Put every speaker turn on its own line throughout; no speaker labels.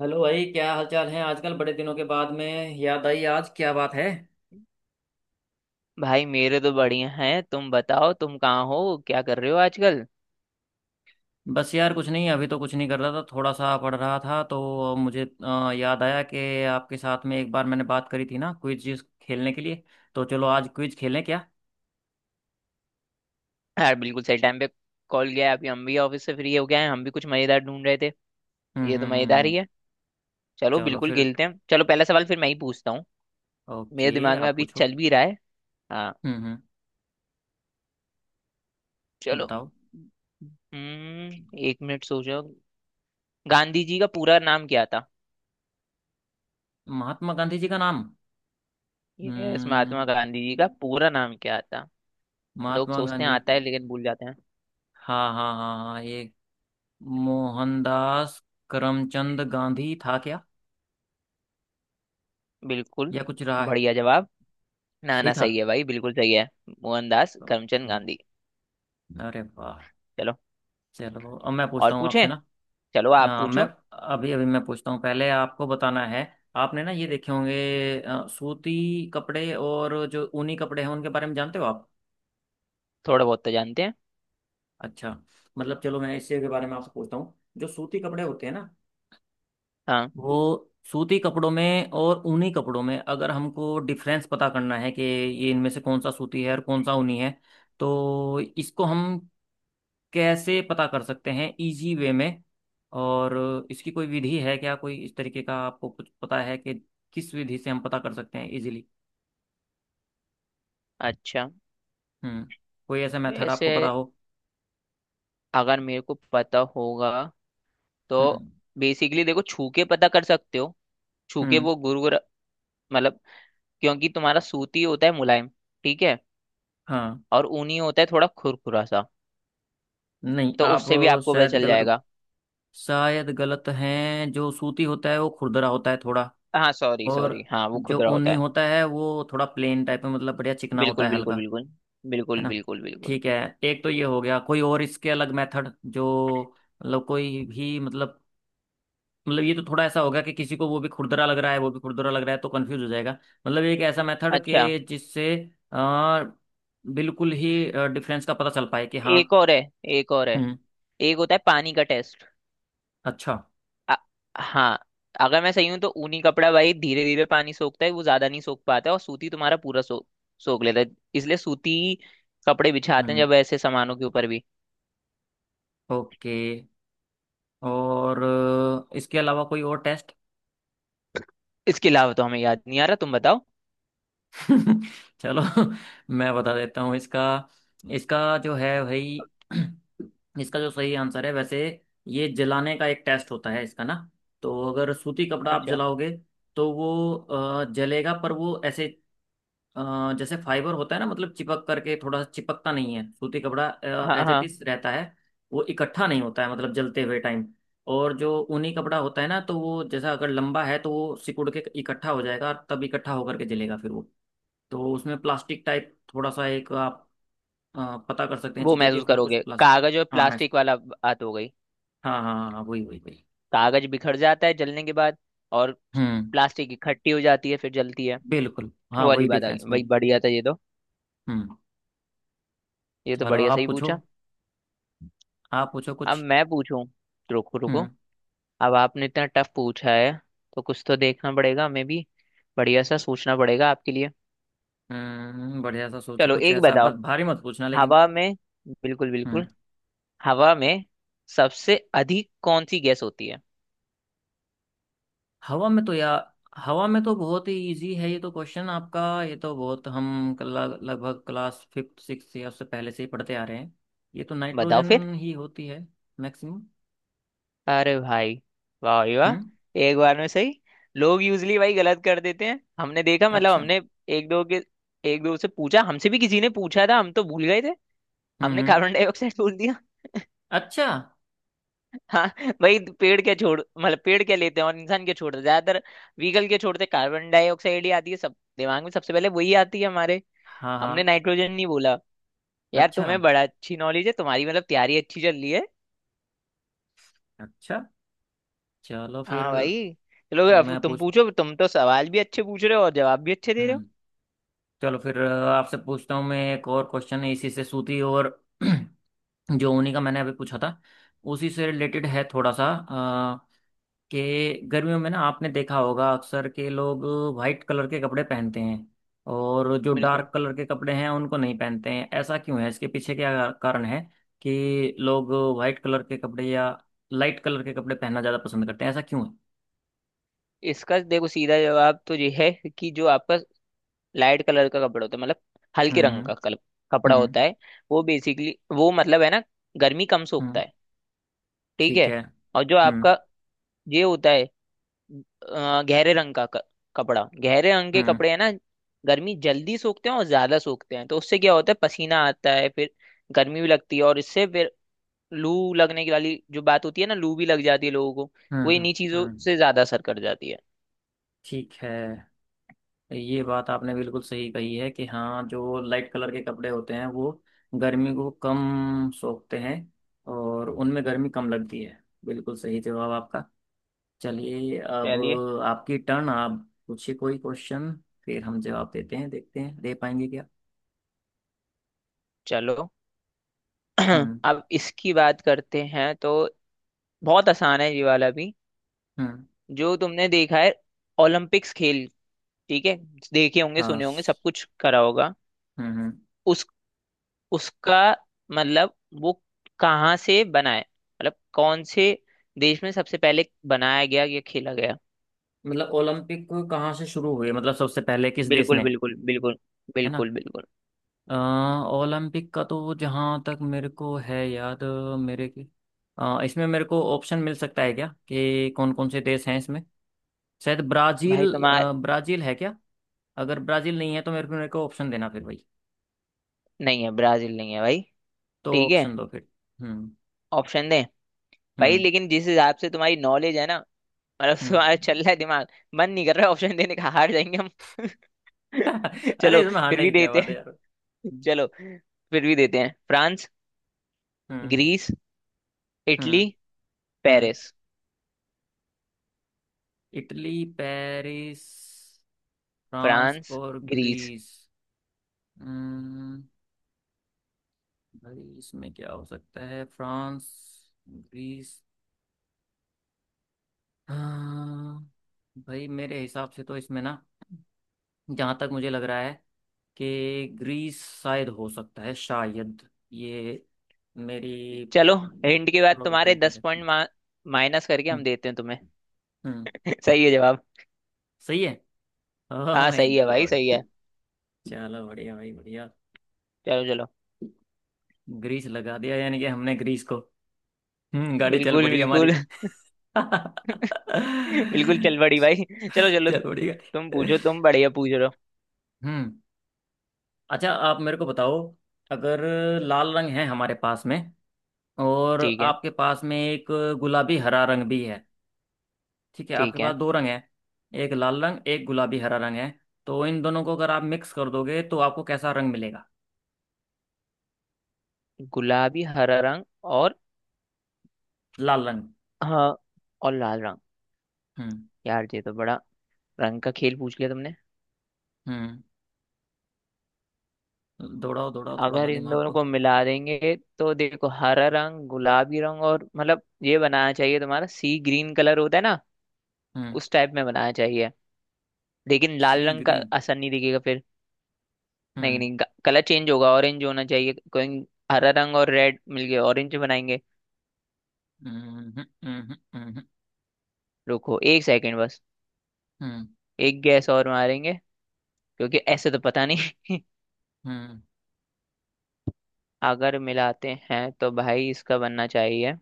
Hello भाई, क्या हालचाल है आजकल? बड़े दिनों के बाद में याद आई, आज क्या बात है?
भाई मेरे तो बढ़िया हैं। तुम बताओ, तुम कहाँ हो, क्या कर रहे हो आजकल?
बस यार, कुछ नहीं। अभी तो कुछ नहीं कर रहा था, थोड़ा सा पढ़ रहा था। तो मुझे याद आया कि आपके साथ में एक बार मैंने बात करी थी ना, क्विज खेलने के लिए। तो चलो आज क्विज खेलें क्या?
यार बिल्कुल सही टाइम पे कॉल गया। अभी हम भी ऑफिस से फ्री हो गए हैं, हम भी कुछ मजेदार ढूंढ रहे थे।
हम्म,
ये तो
हम्म,
मजेदार
हम्म।
ही है। चलो
चलो
बिल्कुल
फिर।
खेलते हैं। चलो पहला सवाल फिर मैं ही पूछता हूँ। मेरे
ओके,
दिमाग में
आप
अभी
पूछो।
चल भी रहा है। हाँ,
हम्म, हम्म।
चलो।
बताओ।
हम्म, एक मिनट सोचो। गांधी जी का पूरा नाम क्या था?
महात्मा गांधी जी का नाम।
यस, महात्मा
हम्म।
गांधी जी का पूरा नाम क्या था? लोग
महात्मा
सोचते हैं
गांधी।
आता है लेकिन भूल जाते हैं।
हाँ, हाँ, हाँ, हाँ, ये मोहनदास करमचंद गांधी था क्या?
बिल्कुल,
या कुछ रहा है?
बढ़िया जवाब। ना
सही
ना,
था।
सही है भाई, बिल्कुल सही है। मोहनदास करमचंद
ओके।
गांधी।
अरे वाह!
चलो
चलो, अब मैं
और
पूछता हूँ आपसे
पूछें।
ना।
चलो आप
अ, मैं
पूछो।
अभी अभी मैं पूछता हूँ, पहले आपको बताना है। आपने ना ये देखे होंगे सूती कपड़े, और जो ऊनी कपड़े हैं उनके बारे में जानते हो आप?
थोड़ा बहुत तो जानते हैं।
अच्छा। मतलब चलो, मैं इसी के बारे में आपसे पूछता हूँ। जो सूती कपड़े होते हैं ना,
हाँ।
वो सूती कपड़ों में और ऊनी कपड़ों में अगर हमको डिफरेंस पता करना है कि ये इनमें से कौन सा सूती है और कौन सा ऊनी है, तो इसको हम कैसे पता कर सकते हैं इजी वे में? और इसकी कोई विधि है क्या? कोई इस तरीके का आपको कुछ पता है कि किस विधि से हम पता कर सकते हैं इजीली?
अच्छा।
हम्म। कोई ऐसा मेथड आपको
वैसे
पता हो?
अगर मेरे को पता होगा तो
हम्म,
बेसिकली देखो, छू के पता कर सकते हो। छू के
हम्म।
वो मतलब, क्योंकि तुम्हारा सूती होता है मुलायम, ठीक है।
हाँ।
और ऊनी होता है थोड़ा खुरखुरा सा,
नहीं,
तो
आप
उससे भी आपको पता
शायद
चल
गलत
जाएगा।
शायद गलत हैं जो सूती होता है वो खुरदरा होता है थोड़ा।
हाँ सॉरी
और
सॉरी, हाँ वो
जो
खुदरा होता
ऊनी
है।
होता है वो थोड़ा प्लेन टाइप में, मतलब बढ़िया चिकना होता
बिल्कुल
है,
बिल्कुल
हल्का।
बिल्कुल।
है
बिल्कुल
ना।
बिल्कुल बिल्कुल।
ठीक है। एक तो ये हो गया, कोई और इसके अलग मेथड जो, मतलब कोई भी, मतलब ये तो थोड़ा ऐसा होगा कि किसी को वो भी खुरदरा लग रहा है, वो भी खुरदरा लग रहा है, तो कंफ्यूज हो जाएगा। मतलब एक ऐसा मेथड
अच्छा,
के जिससे आ, बिल्कुल ही डिफरेंस का पता चल पाए कि हाँ।
एक और है। एक और है
हम्म।
एक होता है पानी का टेस्ट।
अच्छा।
अ- हाँ, अगर मैं सही हूं तो ऊनी कपड़ा भाई धीरे धीरे पानी सोखता है, वो ज्यादा नहीं सोख पाता है, और सूती तुम्हारा पूरा सो सोख लेता है। इसलिए सूती कपड़े बिछाते हैं
हम्म।
जब ऐसे सामानों के ऊपर भी।
ओके। और इसके अलावा कोई और टेस्ट?
इसके अलावा तो हमें याद नहीं आ रहा, तुम बताओ।
चलो। मैं बता देता हूँ इसका। इसका जो है भाई। इसका जो सही आंसर है वैसे, ये जलाने का एक टेस्ट होता है इसका ना। तो अगर सूती कपड़ा आप
अच्छा।
जलाओगे तो वो जलेगा, पर वो ऐसे, जैसे फाइबर होता है ना, मतलब चिपक करके, थोड़ा सा चिपकता नहीं है सूती कपड़ा।
हाँ
एज इट
हाँ,
इज रहता है। वो इकट्ठा नहीं होता है, मतलब जलते हुए टाइम। और जो ऊनी कपड़ा होता है ना, तो वो जैसा, अगर लंबा है तो वो सिकुड़ के इकट्ठा हो जाएगा, और तब इकट्ठा होकर के जलेगा फिर वो। तो उसमें प्लास्टिक टाइप थोड़ा सा, एक आप पता कर सकते हैं
वो
चीजें कि
महसूस
उसमें कुछ
करोगे,
प्लास्टिक।
कागज और
हाँ मैं
प्लास्टिक वाला बात हो गई।
हाँ, हाँ, हाँ, हाँ, वही वही वही।
कागज बिखर जाता है जलने के बाद, और
हम्म।
प्लास्टिक इकट्ठी हो जाती है फिर जलती है।
बिल्कुल,
वो
हाँ,
वाली
वही
बात आ
डिफरेंस
गई भाई,
वही।
बढ़िया था ये तो।
हम्म।
ये तो
चलो,
बढ़िया
आप
सही
पूछो।
पूछा।
आप पूछो
अब
कुछ।
मैं पूछूं, रुको रुको।
हम्म,
अब आपने इतना टफ पूछा है तो कुछ तो देखना पड़ेगा हमें भी। बढ़िया सा सोचना पड़ेगा आपके लिए।
हम्म। बढ़िया सा सोचो
चलो
कुछ
एक
ऐसा, बस
बताओ,
भारी मत पूछना लेकिन।
हवा में, बिल्कुल
हम्म।
बिल्कुल, हवा में सबसे अधिक कौन सी गैस होती है?
हवा में तो यार, हवा में तो बहुत ही इजी है ये तो, क्वेश्चन आपका ये तो बहुत लगभग क्लास फिफ्थ सिक्स या उससे पहले से ही पढ़ते आ रहे हैं। ये तो
बताओ फिर।
नाइट्रोजन ही होती है। मैक्सिमम।
अरे भाई, वाह भाई वाह,
हम्म।
एक बार में सही। लोग यूजली भाई गलत कर देते हैं, हमने देखा। मतलब
अच्छा।
हमने एक दो के एक दो से पूछा, हमसे भी किसी ने पूछा था, हम तो भूल गए थे।
हम्म,
हमने
हम्म।
कार्बन डाइऑक्साइड बोल दिया।
अच्छा।
हाँ, भाई पेड़ क्या छोड़ मतलब पेड़ क्या लेते हैं और इंसान क्या छोड़ते हैं, ज्यादातर व्हीकल क्या छोड़ते हैं, कार्बन डाइऑक्साइड ही आती है सब दिमाग में। सबसे पहले वही आती है हमारे,
हाँ,
हमने
हाँ।
नाइट्रोजन नहीं बोला। यार
अच्छा।
तुम्हें बड़ा अच्छी नॉलेज है तुम्हारी, मतलब तैयारी अच्छी चल रही है।
अच्छा। चलो फिर।
हाँ भाई, चलो अब
मैं
तुम
पूछता।
पूछो। तुम तो सवाल भी अच्छे पूछ रहे हो और जवाब भी अच्छे दे रहे हो।
हम्म। चलो फिर, आपसे पूछता हूँ मैं एक और क्वेश्चन इसी से सूती और जो ऊनी का मैंने अभी पूछा था, उसी से रिलेटेड है थोड़ा सा। अ, कि गर्मियों में ना, आपने देखा होगा अक्सर के लोग वाइट कलर के कपड़े पहनते हैं। और जो
बिल्कुल।
डार्क कलर के कपड़े हैं उनको नहीं पहनते हैं, ऐसा क्यों है? इसके पीछे क्या कारण है कि लोग वाइट कलर के कपड़े या लाइट कलर के कपड़े पहनना ज़्यादा पसंद करते हैं, ऐसा क्यों है?
इसका देखो सीधा जवाब तो ये है कि जो आपका लाइट कलर का कपड़ा होता है, मतलब हल्के रंग
हम्म,
का कपड़ा
हम्म,
होता है, वो बेसिकली, वो मतलब है ना, गर्मी कम सोखता
हम्म।
है, ठीक
ठीक
है।
है,
और जो
हम्म।
आपका ये होता है गहरे रंग का कपड़ा, गहरे रंग के
हम्म,
कपड़े है ना, गर्मी जल्दी सोखते हैं और ज्यादा सोखते हैं, तो उससे क्या होता है, पसीना आता है, फिर गर्मी भी लगती है, और इससे फिर लू लगने की वाली जो बात होती है ना, लू भी लग जाती है लोगों को।
हम्म,
वो
हम्म,
इन्हीं चीजों
हम्म।
से ज्यादा असर कर जाती है।
ठीक है। ये बात आपने बिल्कुल सही कही है कि हाँ, जो लाइट कलर के कपड़े होते हैं वो गर्मी को कम सोखते हैं, और उनमें गर्मी कम लगती है। बिल्कुल सही जवाब आपका। चलिए अब,
चलिए,
आपकी टर्न, आप पूछिए कोई क्वेश्चन। फिर हम जवाब देते हैं, देखते हैं दे पाएंगे क्या।
चलो
हम्म,
अब इसकी बात करते हैं तो बहुत आसान है ये वाला भी।
हम्म।
जो तुमने देखा है ओलंपिक्स खेल, ठीक है, देखे होंगे
हाँ।
सुने होंगे सब कुछ करा होगा।
हम्म, हम्म।
उस उसका मतलब वो कहाँ से बना है, मतलब कौन से देश में सबसे पहले बनाया गया या खेला गया?
मतलब ओलंपिक कहाँ से शुरू हुए? मतलब सबसे पहले किस देश
बिल्कुल
ने?
बिल्कुल बिल्कुल।
है ना।
बिल्कुल बिल्कुल।
अ, ओलंपिक का तो जहाँ तक मेरे को है याद, अ, मेरे की इसमें मेरे को ऑप्शन मिल सकता है क्या कि कौन कौन से देश हैं इसमें? शायद
भाई
ब्राजील,
तुम्हारा,
ब्राजील है क्या? अगर ब्राजील नहीं है तो मेरे को ऑप्शन देना फिर भाई।
नहीं है, ब्राजील नहीं है भाई।
तो
ठीक है,
ऑप्शन दो फिर। हम्म,
ऑप्शन दे। भाई
हम्म,
लेकिन जिस हिसाब से तुम्हारी नॉलेज है ना, मतलब
हम्म।
तुम्हारा चल रहा है दिमाग, मन नहीं कर रहा ऑप्शन देने का, हार जाएंगे हम।
अरे,
चलो
इसमें
फिर
हारने
भी
की क्या
देते
बात है
हैं।
यार? हम्म,
चलो फिर भी देते हैं, फ्रांस,
हम्म,
ग्रीस, इटली,
हम्म, हम्म।
Paris.
Italy, Paris, France
France,
और
ग्रीस।
ग्रीस। हम्म। भाई इसमें क्या हो सकता है, फ्रांस, ग्रीस, हाँ। भाई मेरे हिसाब से तो इसमें ना, जहाँ तक मुझे लग रहा है कि ग्रीस शायद हो सकता है, शायद, ये मेरी
चलो, हिंट के बाद तुम्हारे
प्रोबेबिलिटी
दस
है।
पॉइंट माइनस करके हम
हम्म,
देते हैं तुम्हें।
हम्म।
सही है जवाब।
सही है। ओह
हाँ
माय
सही है भाई, सही
गॉड।
है।
चलो बढ़िया भाई, बढ़िया।
चलो चलो,
ग्रीस लगा दिया, यानी कि हमने ग्रीस को। हम्म, गाड़ी चल
बिल्कुल
पड़ी
बिल्कुल।
हमारी।
बिल्कुल चल बड़ी भाई, चलो चलो।
चल बढ़िया।
तुम पूछो, तुम बढ़िया पूछ रहे हो।
हम्म। अच्छा, आप मेरे को बताओ, अगर लाल रंग है हमारे पास में, और
ठीक है।
आपके पास में एक गुलाबी हरा रंग भी है। ठीक है, आपके
ठीक
पास
है।
दो रंग है, एक लाल रंग, एक गुलाबी हरा रंग है। तो इन दोनों को अगर आप मिक्स कर दोगे तो आपको कैसा रंग मिलेगा?
गुलाबी हरा रंग और,
लाल रंग।
हाँ और लाल रंग।
हम्म।
यार ये तो बड़ा रंग का खेल पूछ लिया तुमने।
हम्म, दौड़ाओ दौड़ाओ थोड़ा सा
अगर इन
दिमाग
दोनों
को।
को मिला देंगे तो देखो, हरा रंग, गुलाबी रंग, और मतलब ये बनाना चाहिए, तुम्हारा सी ग्रीन कलर होता है ना,
हम्म।
उस टाइप में बनाना चाहिए। लेकिन लाल
सी
रंग का
ग्रीन।
असर नहीं दिखेगा फिर। नहीं
हम्म,
नहीं, कलर चेंज होगा, ऑरेंज होना चाहिए कोई। हरा रंग और रेड मिलके ऑरेंज बनाएंगे।
हम्म, हम्म, हम्म,
रुको एक सेकंड बस,
हम्म,
एक गैस और मारेंगे क्योंकि ऐसे तो पता नहीं।
हम्म,
अगर मिलाते हैं तो भाई इसका बनना चाहिए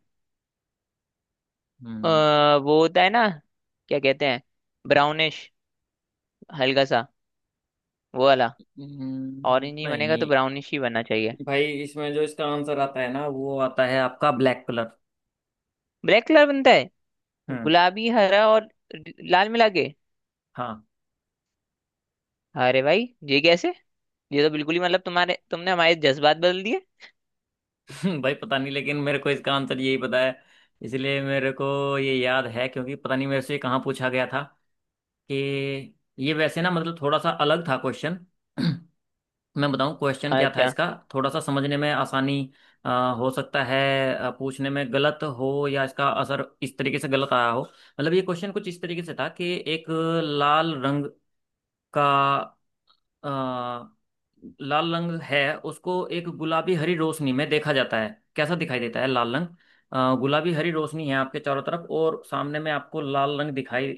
हम्म,
वो होता है ना, क्या कहते हैं, ब्राउनिश, हल्का सा, वो वाला। ऑरेंज ही बनेगा तो
नहीं।
ब्राउनिश ही बनना चाहिए।
भाई इसमें जो इसका आंसर आता है ना, वो आता है आपका ब्लैक कलर।
ब्लैक कलर बनता है?
हम्म।
गुलाबी हरा और लाल मिला के?
हाँ।
अरे भाई ये कैसे? ये तो बिल्कुल ही मतलब तुम्हारे तुमने हमारे जज्बात बदल दिए।
भाई पता नहीं लेकिन मेरे को इसका आंसर यही पता है। इसलिए मेरे को ये याद है क्योंकि पता नहीं मेरे से कहाँ पूछा गया था कि ये वैसे ना, मतलब थोड़ा सा अलग था क्वेश्चन। मैं बताऊँ क्वेश्चन क्या था
अच्छा,
इसका, थोड़ा सा समझने में आसानी। अ, हो सकता है पूछने में गलत हो, या इसका असर इस तरीके से गलत आया हो। मतलब ये क्वेश्चन कुछ इस तरीके से था कि एक लाल रंग का अ, लाल रंग है, उसको एक गुलाबी हरी रोशनी में देखा जाता है, कैसा दिखाई देता है लाल रंग? गुलाबी हरी रोशनी है आपके चारों तरफ और सामने में आपको लाल रंग दिखाई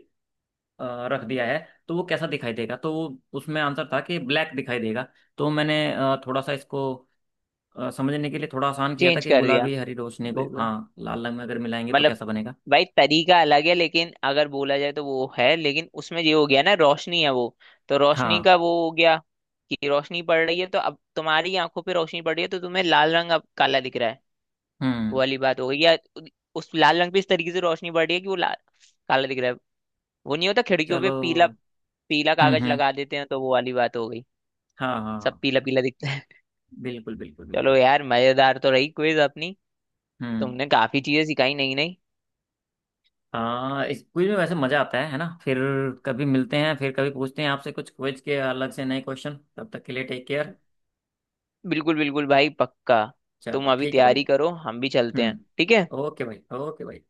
रख दिया है, तो वो कैसा दिखाई देगा? तो वो उसमें आंसर था कि ब्लैक दिखाई देगा। तो मैंने थोड़ा सा इसको समझने के लिए थोड़ा आसान किया था
चेंज
कि
कर दिया,
गुलाबी हरी रोशनी को,
बिल्कुल।
हाँ, लाल रंग में अगर मिलाएंगे तो
मतलब
कैसा बनेगा?
भाई तरीका अलग है, लेकिन अगर बोला जाए तो वो है, लेकिन उसमें ये हो गया ना, रोशनी है वो, तो रोशनी
हाँ।
का वो हो गया, कि रोशनी पड़ रही है, तो अब तुम्हारी आंखों पे रोशनी पड़ रही है तो तुम्हें लाल रंग अब काला दिख रहा है। वो
हम्म।
वाली बात हो गई। या उस लाल रंग पे इस तरीके से रोशनी पड़ रही है कि वो लाल काला दिख रहा है। वो नहीं होता, खिड़कियों पे पीला
चलो।
पीला
हम्म,
कागज
हम्म।
लगा देते हैं, तो वो वाली बात हो गई।
हाँ, हाँ,
सब
हाँ,
पीला पीला दिखता है।
बिल्कुल बिल्कुल
चलो
बिल्कुल।
यार, मजेदार तो रही क्विज अपनी।
हम्म।
तुमने काफी चीजें सिखाई नई नई।
हाँ, इस क्विज में वैसे मजा आता है ना? फिर कभी मिलते हैं, फिर कभी पूछते हैं आपसे कुछ क्विज के अलग से नए क्वेश्चन। तब तक के लिए टेक केयर।
बिल्कुल बिल्कुल भाई, पक्का।
चलो
तुम अभी
ठीक है भाई।
तैयारी करो, हम भी चलते हैं,
हम्म।
ठीक है।
ओके भाई, ओके भाई।